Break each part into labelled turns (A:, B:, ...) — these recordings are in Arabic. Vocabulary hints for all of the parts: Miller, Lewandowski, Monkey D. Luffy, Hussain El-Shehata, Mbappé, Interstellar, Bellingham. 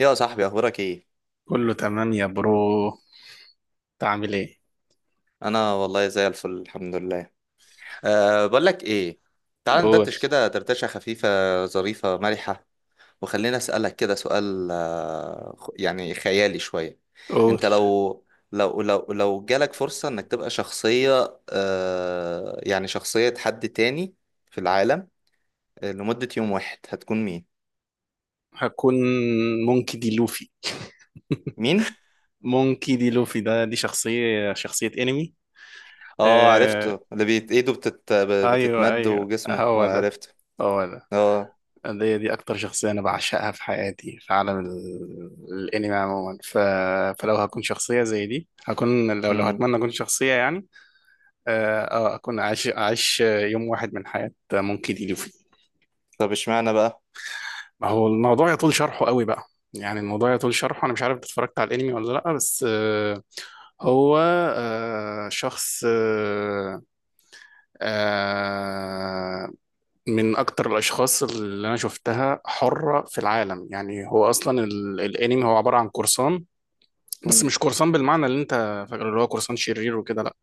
A: يا صاحبي، اخبارك ايه؟
B: كله تمام يا برو. تعمل ايه؟
A: انا والله زي الفل، الحمد لله. أه، بقول لك ايه، تعال
B: قول.
A: ندردش كده دردشه خفيفه ظريفه مرحه. وخلينا اسالك كده سؤال، يعني خيالي شويه.
B: قول.
A: انت لو جالك فرصه انك تبقى شخصيه، يعني شخصيه حد تاني في العالم، لمده يوم واحد، هتكون مين؟
B: هكون مونكي دي لوفي.
A: مين؟
B: مونكي دي لوفي، دي شخصية شخصية انمي.
A: اه،
B: آه،
A: عرفته، اللي بيت ايده
B: ايوه،
A: بتتمد
B: ايوه،
A: وجسمه،
B: هو ده.
A: عرفته.
B: هو ده،
A: اه.
B: دي اكتر شخصية انا بعشقها في حياتي، في عالم الانمي عموما. فلو هكون شخصية زي دي هكون. لو
A: أمم.
B: هتمنى اكون شخصية يعني. اكون عايش يوم واحد من حياة مونكي دي.
A: طب، اشمعنى بقى؟
B: ما هو الموضوع يطول شرحه قوي بقى، يعني الموضوع يطول شرحه. انا مش عارف إنت اتفرجت على الانمي ولا لا، بس هو شخص، آه، من اكتر الاشخاص اللي انا شفتها حرة في العالم. يعني هو اصلا الانمي هو عبارة عن قرصان، بس مش قرصان بالمعنى اللي انت فاكره، اللي هو قرصان شرير وكده. لا،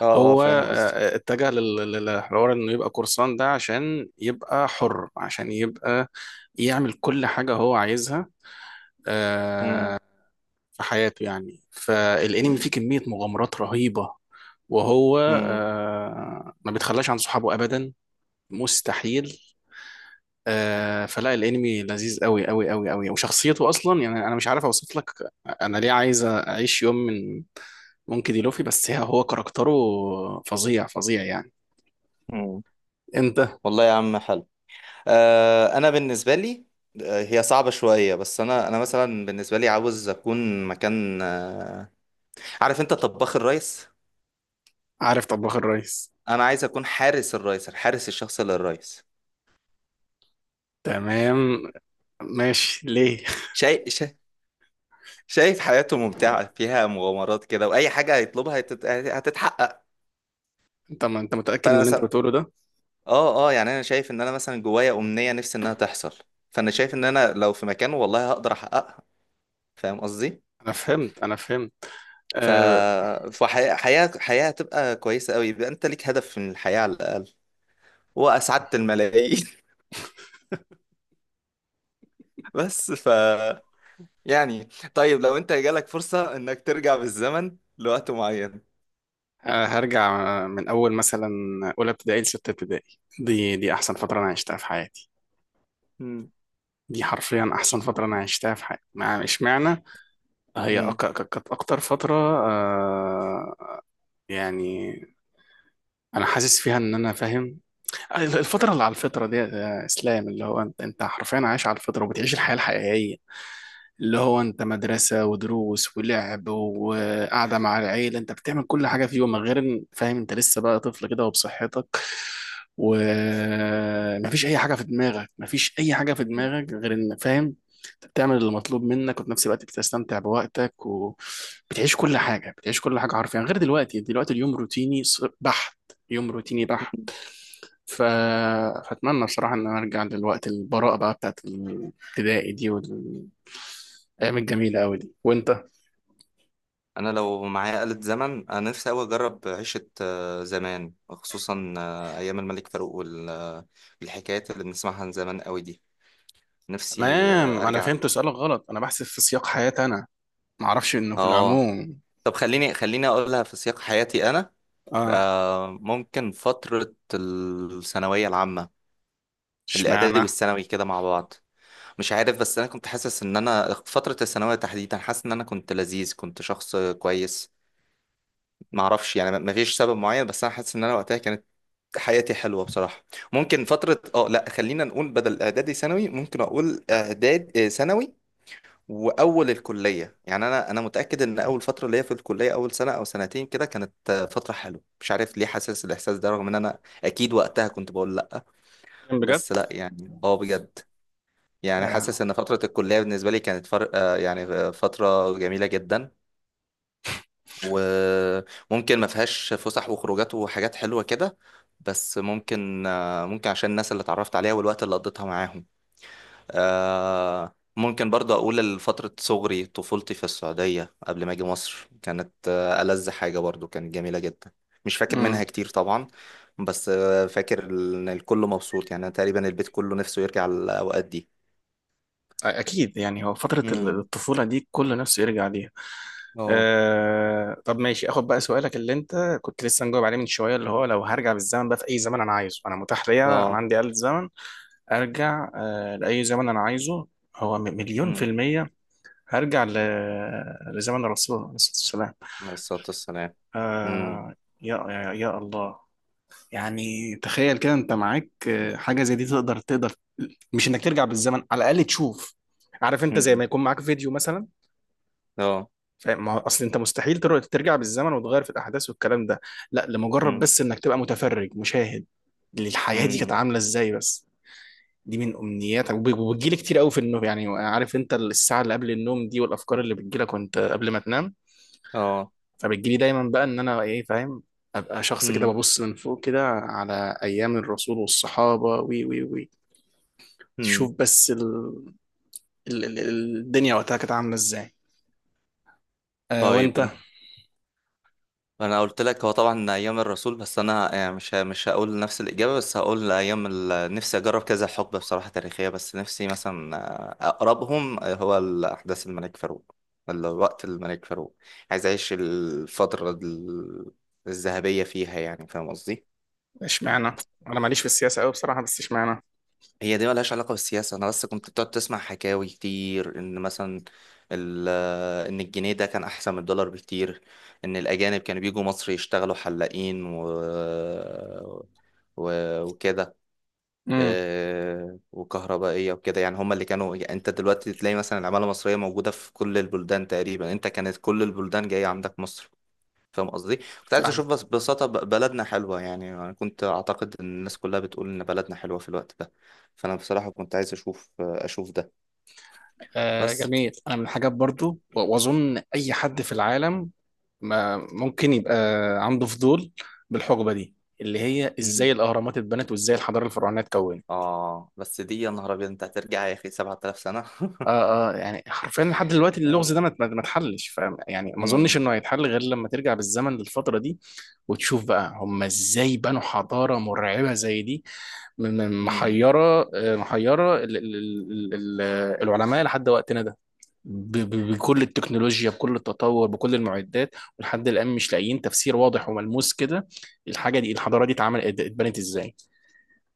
A: اه، اه،
B: هو
A: فاهم قصدك.
B: اتجه للحوار انه يبقى قرصان ده عشان يبقى حر، عشان يبقى يعمل كل حاجة هو عايزها آه،
A: مم.
B: في حياته. يعني فالانمي فيه كمية مغامرات رهيبة، وهو
A: مم.
B: ما بيتخلاش عن صحابه ابدا، مستحيل. فلا، الانمي لذيذ قوي قوي قوي قوي، وشخصيته اصلا، يعني انا مش عارف اوصف لك انا ليه عايز اعيش يوم من ممكن دي لوفي، بس هو كاركتره فظيع فظيع يعني.
A: مم.
B: انت،
A: والله يا عم حلو. انا بالنسبه لي، هي صعبه شويه، بس انا مثلا بالنسبه لي عاوز اكون مكان، عارف انت طباخ الريس.
B: عارف طباخ الريس.
A: انا عايز اكون حارس الريس، الحارس الشخصي للريس.
B: تمام، ماشي. ليه؟
A: شايف شايف حياته ممتعه فيها مغامرات كده، واي حاجه هيطلبها هتتحقق.
B: انت، ما انت متأكد من
A: فانا
B: اللي انت
A: مثلا،
B: بتقوله ده؟
A: اه يعني انا شايف ان انا مثلا جوايا امنيه نفسي انها تحصل. فانا شايف ان انا لو في مكانه، والله هقدر احققها. فاهم قصدي؟
B: انا فهمت، انا فهمت.
A: ف
B: آه،
A: فحياة حياة حياة هتبقى كويسة قوي، يبقى انت ليك هدف من الحياة على الأقل، وأسعدت الملايين. بس يعني، طيب لو انت جالك فرصة انك ترجع بالزمن لوقت معين؟
B: هرجع من اول مثلا اولى ابتدائي لسته ابتدائي. دي احسن فتره انا عشتها في حياتي.
A: مم.
B: دي حرفيا احسن
A: شو.
B: فتره انا عشتها في حياتي. مع، اشمعنى؟ هي أك-
A: مم.
B: ك- كانت اكتر فتره، يعني انا حاسس فيها ان انا فاهم الفتره اللي على الفطره دي، اسلام، اللي هو انت حرفيا عايش على الفطره وبتعيش الحياه الحقيقيه، اللي هو انت مدرسة ودروس ولعب وقعدة مع العيلة. انت بتعمل كل حاجة في يومك غير ان فاهم انت لسه بقى طفل كده وبصحتك، ومفيش اي حاجة في دماغك، مفيش اي حاجة في دماغك غير ان فاهم انت بتعمل المطلوب منك، وفي نفس الوقت بتستمتع بوقتك وبتعيش كل حاجة، بتعيش كل حاجة حرفيا، غير دلوقتي. دلوقتي اليوم روتيني بحت، يوم روتيني بحت.
A: مم.
B: ف... فأتمنى بصراحة إن أنا أرجع للوقت البراءة بقى بتاعت الابتدائي دي، الايام الجميله قوي دي. وانت؟
A: انا لو معايا آلة زمن، انا نفسي قوي اجرب عيشة زمان، خصوصا ايام الملك فاروق والحكايات اللي بنسمعها عن زمان قوي دي. نفسي
B: تمام، انا
A: ارجع.
B: فهمت سؤالك غلط، انا بحسب في سياق حياتي انا، ما اعرفش انه في
A: اه،
B: العموم.
A: طب خليني خليني اقولها في سياق حياتي انا.
B: اه،
A: ممكن فترة الثانوية العامة، الإعدادي
B: اشمعنى؟
A: والثانوي كده مع بعض. مش عارف، بس أنا كنت حاسس إن أنا فترة الثانوية تحديدا حاسس إن أنا كنت لذيذ، كنت شخص كويس. معرفش يعني، مفيش سبب معين، بس أنا حاسس إن أنا وقتها كانت حياتي حلوة بصراحة. ممكن فترة اه، لا، خلينا نقول بدل إعدادي ثانوي، ممكن أقول إعداد ثانوي واول الكليه. يعني انا متاكد ان اول فتره ليا في الكليه، اول سنه او سنتين كده، كانت فتره حلوه، مش عارف ليه حاسس الاحساس ده، رغم ان انا اكيد وقتها كنت بقول لا.
B: بتكلم بجد؟
A: بس لا، يعني اه، بجد، يعني حاسس
B: آه.
A: ان فتره الكليه بالنسبه لي كانت فرق، يعني فتره جميله جدا. وممكن ما فيهاش فسح وخروجات وحاجات حلوه كده، بس ممكن عشان الناس اللي اتعرفت عليها والوقت اللي قضيتها معاهم. ممكن برضه أقول فترة صغري، طفولتي في السعودية قبل ما أجي مصر، كانت ألذ حاجة، برضه كانت جميلة جدا. مش فاكر منها
B: امم.
A: كتير طبعا، بس فاكر إن الكل مبسوط، يعني أنا تقريبا البيت كله نفسه يرجع للأوقات دي.
B: اكيد، يعني هو فتره ال-
A: امم.
B: الطفوله دي كل نفسه يرجع ليها.
A: اه.
B: آه. طب ماشي، اخد بقى سؤالك اللي انت كنت لسه مجاوب عليه من شويه، اللي هو لو هرجع بالزمن بقى، في اي زمن انا عايزه، انا متاح ليا، انا
A: اه.
B: عندي آلة زمن، ارجع لاي زمن انا عايزه. هو مليون في
A: امم.
B: الميه، هرجع لزمن الرسول عليه الصلاه والسلام.
A: عليه الصلاة والسلام. امم.
B: آه، يا يا يا الله. يعني تخيل كده، انت معاك حاجة زي دي، تقدر، تقدر، مش انك ترجع بالزمن، على الأقل تشوف. عارف انت، زي
A: امم.
B: ما يكون معاك فيديو مثلا.
A: اه.
B: فاهم، ما هو اصل انت مستحيل ترجع بالزمن وتغير في الأحداث والكلام ده، لا، لمجرد
A: امم.
B: بس انك تبقى متفرج مشاهد للحياة دي كانت
A: امم.
B: عاملة ازاي بس. دي من أمنياتك، وبتجيلي كتير قوي في النوم، يعني عارف انت الساعة اللي قبل النوم دي والأفكار اللي بتجيلك وانت قبل ما تنام،
A: اه.
B: فبتجيلي دايما بقى ان انا ايه، فاهم، ابقى شخص كده
A: امم.
B: ببص من فوق كده على ايام الرسول والصحابه، وي وي وي، تشوف
A: امم.
B: بس الدنيا وقتها كانت عامله ازاي.
A: طيب،
B: وانت؟
A: انا قلت لك هو طبعا ايام الرسول، بس انا يعني مش هقول نفس الاجابه، بس هقول ايام نفسي اجرب كذا حقبه بصراحه تاريخيه. بس نفسي مثلا اقربهم هو احداث الملك فاروق، الوقت الملك فاروق، عايز اعيش الفتره الذهبيه فيها، يعني فاهم قصدي؟
B: اشمعنى؟ انا ماليش في السياسه قوي بصراحه، بس اشمعنى؟
A: هي دي ملهاش علاقه بالسياسه، انا بس كنت بتقعد تسمع حكاوي كتير، ان مثلا ال- ان الجنيه ده كان احسن من الدولار بكتير، ان الاجانب كانوا بيجوا مصر يشتغلوا حلاقين و و- وكده،
B: امم
A: وكهربائية وكده. يعني هما اللي كانوا، يعني انت دلوقتي تلاقي مثلا العمالة المصرية موجودة في كل البلدان تقريبا، انت كانت كل البلدان جاية عندك مصر. فاهم قصدي؟ كنت عايز
B: فاهم.
A: اشوف بس ببساطة بلدنا حلوة، يعني انا كنت اعتقد ان الناس كلها بتقول ان بلدنا حلوة في الوقت ده، فانا بصراحة كنت عايز اشوف ده. بس.
B: جميل. انا من الحاجات برضو، واظن اي حد في العالم ما ممكن يبقى عنده فضول بالحقبه دي، اللي هي
A: مم.
B: ازاي الاهرامات اتبنت وازاي الحضاره الفرعونيه اتكونت.
A: اه، بس دي يا نهار ابيض، انت هترجع يا اخي 7000 سنة.
B: اه، اه، يعني حرفيا لحد دلوقتي اللغز ده
A: اه.
B: ما اتحلش، فاهم، يعني ما اظنش
A: امم.
B: انه هيتحل غير لما ترجع بالزمن للفتره دي، وتشوف بقى هم ازاي بنوا حضاره مرعبه زي دي. من
A: امم.
B: محيره ال ال ال ال العلماء لحد وقتنا ده، بكل التكنولوجيا، بكل التطور، بكل المعدات، ولحد الان مش لاقيين تفسير واضح وملموس كده الحاجه دي، الحضاره دي اتبنت ازاي.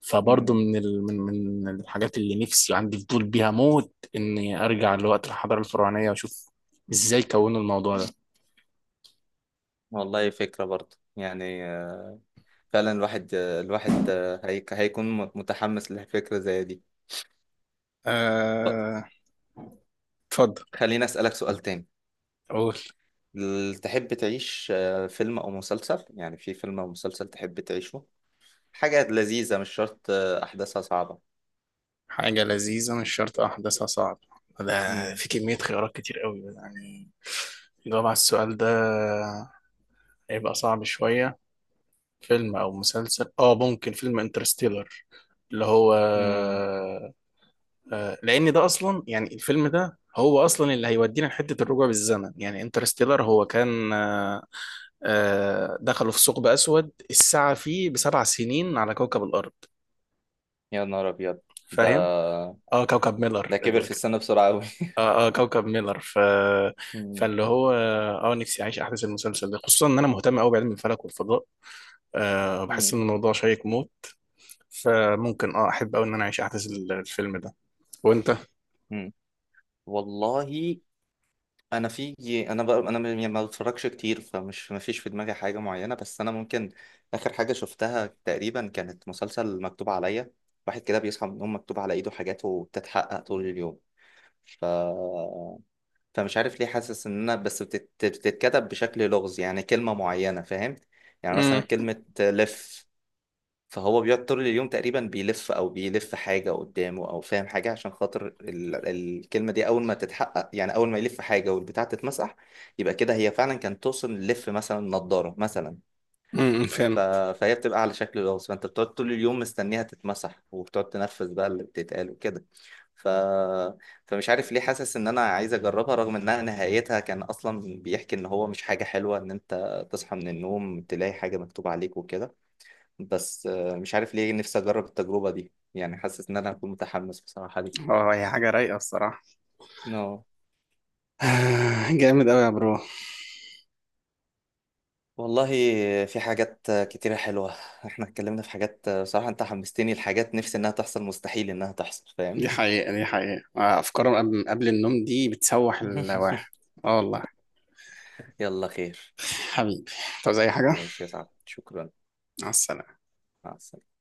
B: فبرضه
A: امم.
B: من من الحاجات اللي نفسي وعندي فضول بيها موت، اني ارجع لوقت الحضاره الفرعونيه واشوف ازاي كونوا الموضوع ده.
A: والله فكرة برضه، يعني فعلا الواحد هيكون متحمس لفكرة زي دي. طب
B: آه، اتفضل.
A: خليني أسألك سؤال تاني،
B: قول.
A: تحب تعيش فيلم أو مسلسل؟ يعني في فيلم أو مسلسل تحب تعيشه، حاجة لذيذة مش شرط أحداثها صعبة.
B: حاجة لذيذة مش شرط أحداثها صعب؟ ده
A: مم.
B: في كمية خيارات كتير قوي يعني، الجواب على السؤال ده هيبقى صعب شوية. فيلم أو مسلسل، ممكن فيلم انترستيلر، اللي هو
A: مم.
B: لان ده اصلا، يعني الفيلم ده هو اصلا اللي هيودينا لحته الرجوع بالزمن. يعني انترستيلر هو كان، دخلوا في ثقب اسود الساعه فيه بـ7 سنين على كوكب الارض،
A: يا نهار أبيض، ده
B: فاهم. اه، كوكب
A: ده
B: ميلر
A: كبر
B: ال-
A: في السن بسرعة أوي.
B: اه اه كوكب ميلر
A: مم.
B: فاللي هو نفسي اعيش احداث المسلسل ده، خصوصا ان انا مهتم قوي بعلم الفلك والفضاء. بحس ان
A: مم.
B: الموضوع شيق موت. فممكن، احب قوي ان انا اعيش احداث الفيلم ده. وانت؟
A: مم. والله، انا في انا بقى، ما بتفرجش كتير، فمش ما فيش في دماغي حاجه معينه، بس انا ممكن اخر حاجه شفتها تقريبا كانت مسلسل مكتوب عليا، واحد كده بيصحى من النوم مكتوب على ايده حاجات وبتتحقق طول اليوم. ف فمش عارف ليه حاسس ان انا بس بتتكتب بشكل لغز، يعني كلمه معينه، فاهم؟ يعني مثلا
B: امم
A: كلمه لف، فهو بيقعد طول اليوم تقريبا بيلف او بيلف حاجه قدامه، او فاهم حاجه عشان خاطر الكلمه دي، اول ما تتحقق يعني اول ما يلف حاجه والبتاع تتمسح، يبقى كده هي فعلا كانت توصل للف مثلا نضاره مثلا. ف...
B: فهمت.
A: فهي بتبقى على شكل لغز، فانت بتقعد طول اليوم مستنيها تتمسح وبتقعد تنفذ بقى اللي بتتقال وكده. ف... فمش عارف ليه حاسس ان انا عايز اجربها، رغم انها نهايتها كان اصلا بيحكي ان هو مش حاجه حلوه ان انت تصحى من النوم تلاقي حاجه مكتوبه عليك وكده. بس مش عارف ليه نفسي اجرب التجربة دي، يعني حاسس ان انا هكون متحمس بصراحة ليه.
B: اه، هي حاجه رايقه الصراحه،
A: نو،
B: جامد قوي يا برو.
A: والله في حاجات كتيرة حلوة، احنا اتكلمنا في حاجات، بصراحة انت حمستني لحاجات نفسي انها تحصل، مستحيل انها تحصل، فاهم؟
B: دي حقيقة، دي حقيقة، أفكار قبل النوم دي بتسوح الواحد. اه والله.
A: يلا خير.
B: حبيبي، طب زي حاجة.
A: ماشي يا صاحبي، شكرا.
B: مع السلامة.
A: مع السلامة.